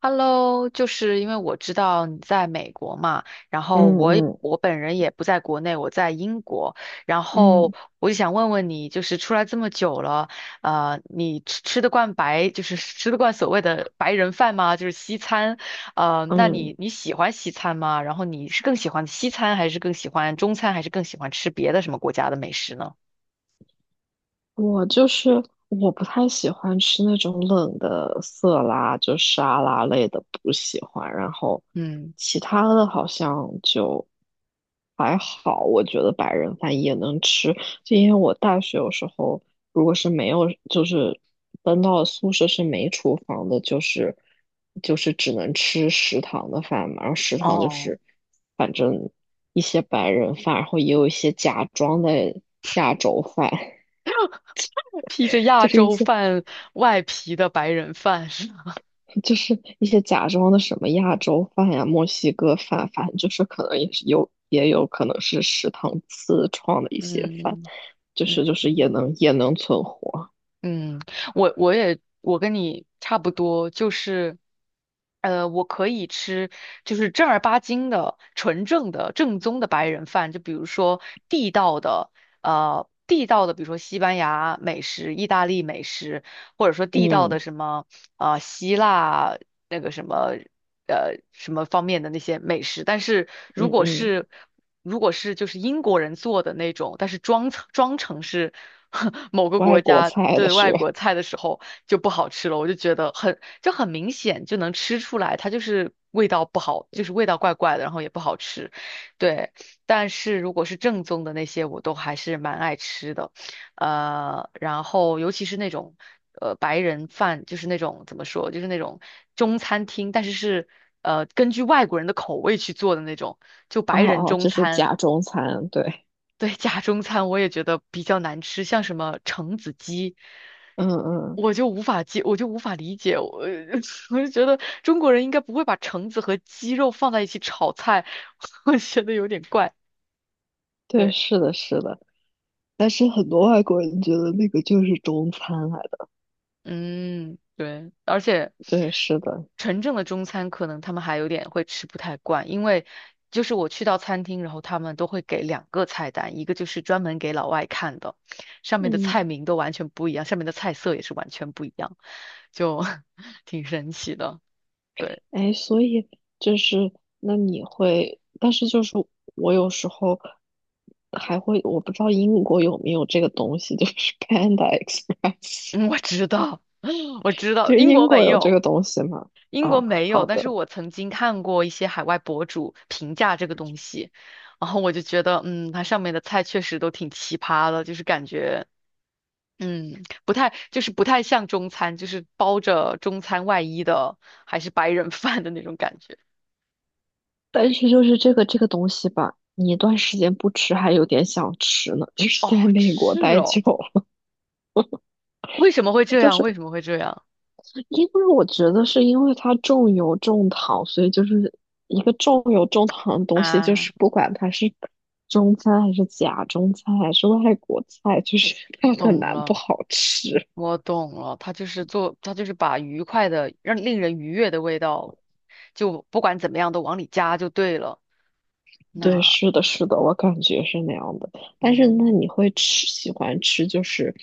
Hello，就是因为我知道你在美国嘛，然后嗯我也嗯我本人也不在国内，我在英国，然后嗯我就想问问你，就是出来这么久了，你得惯白，就是吃得惯所谓的白人饭吗？就是西餐，那嗯，你喜欢西餐吗？然后你是更喜欢西餐，还是更喜欢中餐，还是更喜欢吃别的什么国家的美食呢？我就是我不太喜欢吃那种冷的色拉，就沙拉类的不喜欢。然后嗯，其他的好像就还好，我觉得白人饭也能吃。就因为我大学有时候如果是没有，就是搬到宿舍是没厨房的，就是只能吃食堂的饭嘛。然后食堂就哦，是反正一些白人饭，然后也有一些假装的亚洲饭。披着亚就是一洲些饭外皮的白人饭是吗？就是一些假装的什么亚洲饭呀、墨西哥饭，反正就是可能也是有，也有可能是食堂自创的一些饭，嗯就是也嗯。能也能存活。嗯，我也跟你差不多，就是，我可以吃就是正儿八经的、纯正的、正宗的白人饭，就比如说地道的，地道的，比如说西班牙美食、意大利美食，或者说地道的嗯什么，希腊那个什么。什么方面的那些美食，但是如嗯果嗯，是如果是就是英国人做的那种，但是装成是 某个外国国家菜的的是外吧？国菜的时候就不好吃了，我就觉得很明显就能吃出来，它就是味道不好，就是味道怪怪的，然后也不好吃，对。但是如果是正宗的那些，我都还是蛮爱吃的。然后尤其是那种白人饭，就是那种怎么说，就是那种中餐厅，但是根据外国人的口味去做的那种，就哦白人哦，中这是餐，假中餐，对，对，假中餐我也觉得比较难吃，像什么橙子鸡。嗯嗯，我就无法接，我就无法理解，我 我就觉得中国人应该不会把橙子和鸡肉放在一起炒菜，我觉得有点怪。对，对。是的，是的。但是很多外国人觉得那个就是中餐来的，嗯，对，而且对，是的，纯正的中餐可能他们还有点会吃不太惯，因为就是我去到餐厅，然后他们都会给两个菜单，一个就是专门给老外看的，上面的嗯。菜名都完全不一样，上面的菜色也是完全不一样，就 挺神奇的。对，哎，所以就是那你会，但是就是我有时候还会，我不知道英国有没有这个东西，就是 Panda Express,嗯，我知道，我知道，就英英国国没有这有。个东西吗？英国啊，没有，好但是的，我曾经看过一些海外博主评价这个东西，然后我就觉得，嗯，它上面的菜确实都挺奇葩的，就是感觉，嗯，不太，就是不太像中餐，就是包着中餐外衣的，还是白人 饭的那种感觉。但是就是这个东西吧，你一段时间不吃还有点想吃呢，就是在哦，美国是待久哦，为什么会了，这就样？是为什么会这样因为我觉得是因为它重油重糖，所以就是一个重油重糖的东西，就啊？是不管它是中餐还是假中餐还是外国菜，就是它很懂难不了，好吃。我懂了，他就是做，他就是把愉快的，让令人愉悦的味道，就不管怎么样都往里加就对了。对，那。是的，是的，我感觉是那样的。但是那嗯你会吃，喜欢吃就是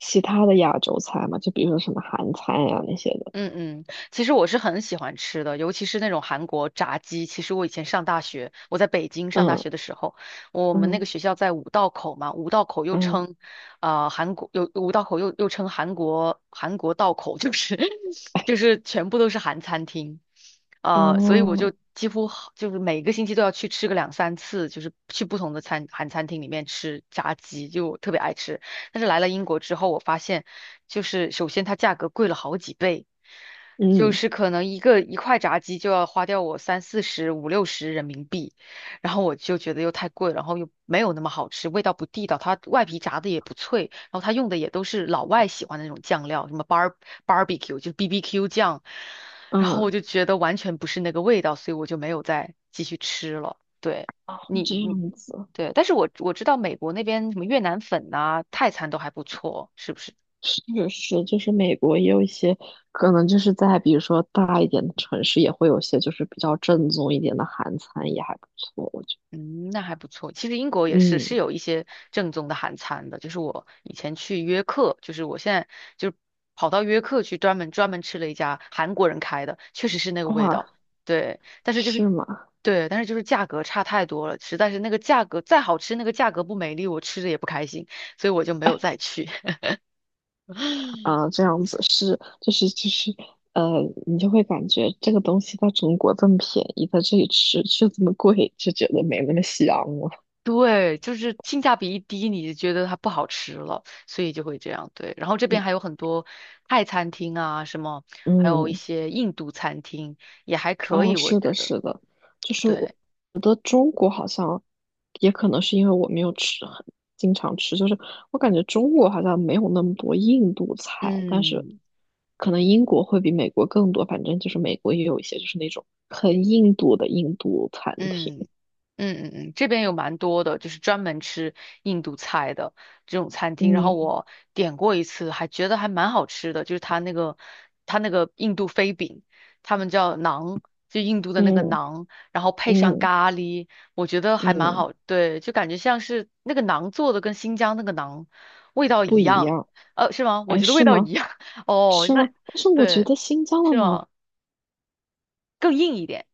其他的亚洲菜吗？就比如说什么韩餐呀、那些的。嗯嗯，其实我是很喜欢吃的，尤其是那种韩国炸鸡。其实我以前上大学，我在北京上大嗯学的时候，我们那嗯个学校在五道口嘛，五道口又嗯，称，韩国有五道口又称韩国道口，就是 哎，就是全部都是韩餐厅，所以我就嗯几乎好就是每个星期都要去吃个两三次，就是去不同的韩餐厅里面吃炸鸡，就我特别爱吃。但是来了英国之后，我发现就是首先它价格贵了好几倍，就嗯是可能一个一块炸鸡就要花掉我三四十、五六十人民币，然后我就觉得又太贵，然后又没有那么好吃，味道不地道，它外皮炸的也不脆，然后它用的也都是老外喜欢的那种酱料，什么 barbecue 就 BBQ 酱，然后嗯，我就觉得完全不是那个味道，所以我就没有再继续吃了。对。你这你样子。对，但是我知道美国那边什么越南粉呐、泰餐都还不错，是不是？是是，就是美国也有一些可能就是在比如说大一点的城市，也会有些就是比较正宗一点的韩餐，也还不错，我觉嗯，那还不错。其实英国得。也是嗯，有一些正宗的韩餐的，就是我以前去约克，就是我现在就跑到约克去专门吃了一家韩国人开的，确实是那个味哇，道。对，但是就是是吗？对，但是就是价格差太多了，实在是那个价格再好吃，那个价格不美丽，我吃着也不开心，所以我就没有再 去。啊，这样子是，就是就是呃，你就会感觉这个东西在中国这么便宜，在这里吃却这么贵，就觉得没那么香了。对，就是性价比一低，你就觉得它不好吃了，所以就会这样。对，然后这边嗯还有很多泰餐厅啊，什么，还有一嗯，些印度餐厅也还可哦，以，我是的，觉得。是的，就是我对，像也可能是因为我没有吃很经常吃，就是我感觉中国好像没有那么多印度菜，但是嗯可能英国会比美国更多。反正就是美国也有一些就是那种很印度的印度餐厅，嗯。嗯嗯嗯，这边有蛮多的，就是专门吃印度菜的这种餐厅。然后嗯我点过一次，还觉得还蛮好吃的，就是它那个印度飞饼，他们叫馕，就印度的那个嗯馕，然后配上嗯咖喱，我觉得还蛮嗯，好。对，就感觉像是那个馕做的跟新疆那个馕味道不一一样，样。是吗？我哎，觉得味是道一吗？样。哦，是那吗？但是我觉对，得新疆的是馕吗？更硬一点。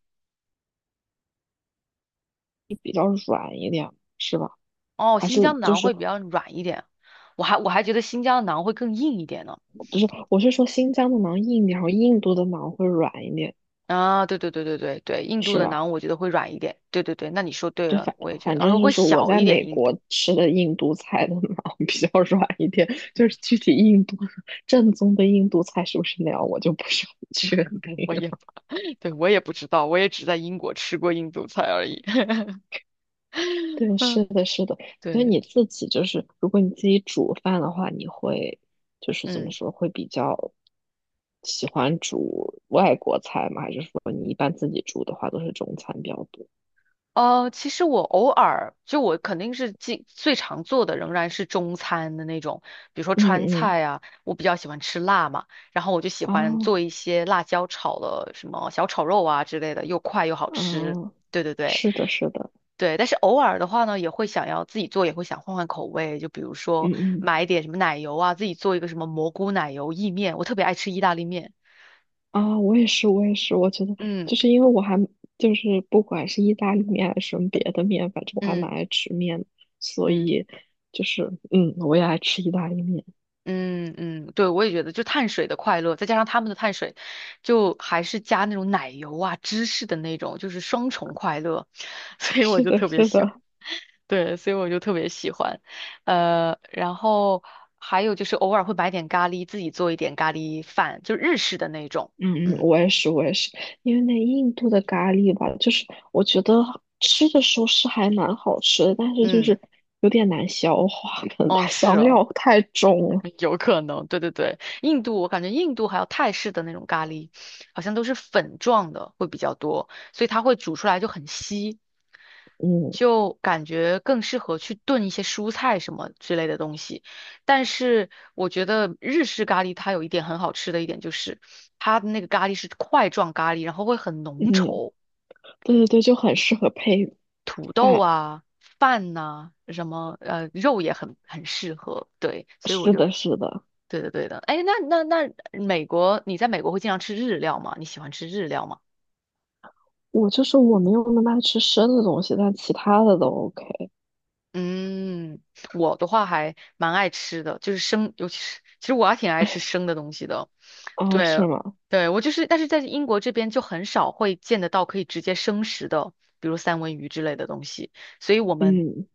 比较软一点，是吧？哦，还新是疆的就馕是会比较软一点，我还觉得新疆的馕会更硬一点呢。不是？我是说新疆的馕硬一点，然后印度的馕会软一点，啊，对对对对对对，印度是的吧？馕我觉得会软一点。对对对，那你说对就了，反我也觉得，反而且正会就是我小在一点。美印国度，吃的印度菜的脑比较软一点，就是具体印度正宗的印度菜是不是那样，我就不是很确 定我也，了 对，我也不知道，我也只在英国吃过印度菜而已。对，嗯是的，是的。所以对，你自己就是，如果你自己煮饭的话，你会就是怎么嗯。说，会比较喜欢煮外国菜吗？还是说你一般自己煮的话都是中餐比较多？其实我偶尔就我肯定是最常做的仍然是中餐的那种，比如说嗯川嗯，菜啊，我比较喜欢吃辣嘛，然后我就喜欢哦，做一些辣椒炒的什么小炒肉啊之类的，又快又好吃。哦，对对对是的，是的，对，但是偶尔的话呢，也会想要自己做，也会想换换口味，就比如说嗯嗯。买一点什么奶油啊，自己做一个什么蘑菇奶油意面，我特别爱吃意大利面。啊，我也是，我也是，我觉得嗯就是因为我还就是不管是意大利面还是什么别的面，反正我还蛮嗯爱吃面的，所嗯。以就是嗯，我也爱吃意大利面。嗯嗯，对，我也觉得，就碳水的快乐，再加上他们的碳水，就还是加那种奶油啊、芝士的那种，就是双重快乐，所以我是就的，特别是喜欢。的，对，所以我就特别喜欢。然后还有就是偶尔会买点咖喱，自己做一点咖喱饭，就日式的那种。嗯嗯，嗯我也是，我也是，因为那印度的咖喱吧，就是我觉得吃的时候是还蛮好吃的，但是就嗯，是有点难消化，可能哦，它是香哦。料太重了。有可能，对对对，印度我感觉印度还有泰式的那种咖喱，好像都是粉状的会比较多，所以它会煮出来就很稀，嗯就感觉更适合去炖一些蔬菜什么之类的东西。但是我觉得日式咖喱它有一点很好吃的一点就是，它的那个咖喱是块状咖喱，然后会很浓嗯，稠，对对对，就很适合配土豆饭。啊、饭呐、什么肉也很适合。对，所以我是就的，是的。对的对的。哎，那美国，你在美国会经常吃日料吗？你喜欢吃日料吗？我就是我没有那么爱吃生的东西，但其他的都 OK 嗯，我的话还蛮爱吃的，就是生，尤其是其实我还挺爱吃生的东西的。啊，对，是吗？对，我就是，但是在英国这边就很少会见得到可以直接生食的，比如三文鱼之类的东西，所以我们，嗯，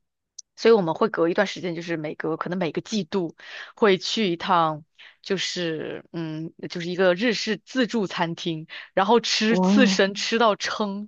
所以我们会隔一段时间，就是每隔可能每个季度会去一趟，就是嗯，就是一个日式自助餐厅，然后吃刺哇，身吃到撑，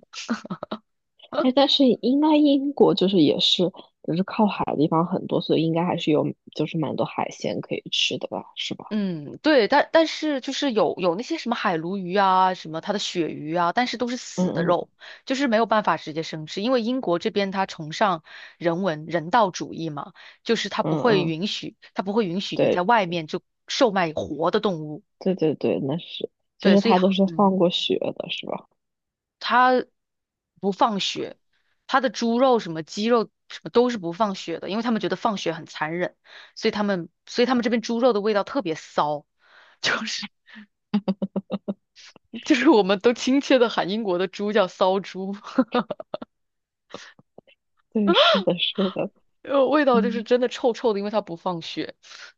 哎，但是应该英国就是也是就是靠海的地方很多，所以应该还是有就是蛮多海鲜可以吃的吧，是吧？嗯，对，但是就是有那些什么海鲈鱼啊，什么它的鳕鱼啊，但是都是嗯死的嗯肉，就是没有办法直接生吃，因为英国这边它崇尚人道主义嘛，就是它嗯不会嗯，允许，它不会允许你在对外面就售卖活的动物，对对对，那是，就对，是所以它都是嗯，放过血的，是吧？它不放血，它的猪肉什么鸡肉什么都是不放血的，因为他们觉得放血很残忍，所以他们这边猪肉的味道特别骚，就是。就是我们都亲切的喊英国的猪叫骚猪，对，是的，是的，味道就是嗯，真的臭臭的，因为它不放血。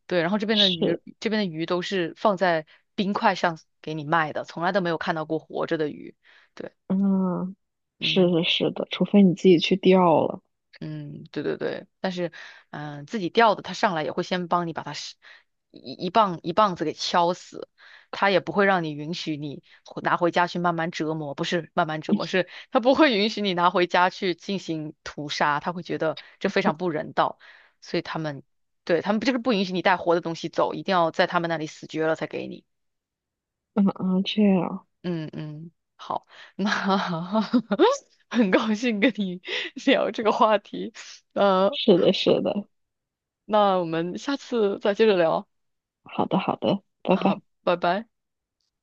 对，然后是，这边的鱼都是放在冰块上给你卖的，从来都没有看到过活着的鱼。对，嗯，是嗯。的，是的，除非你自己去钓了，嗯，对对对，但是，嗯、自己钓的，他上来也会先帮你把它是一一棒一棒子给敲死，他也不会让你允许你回拿回家去慢慢折磨，不是慢慢折磨，是他不会允许你拿回家去进行屠杀，他会觉得这非常不人道，所以他们对他们就是不允许你带活的东西走，一定要在他们那里死绝了才给你。嗯嗯，这样，嗯嗯，好，那 很高兴跟你 聊这个话题。呃，是的，是的。那我们下次再接着聊好的，好的，拜啊，拜。拜拜。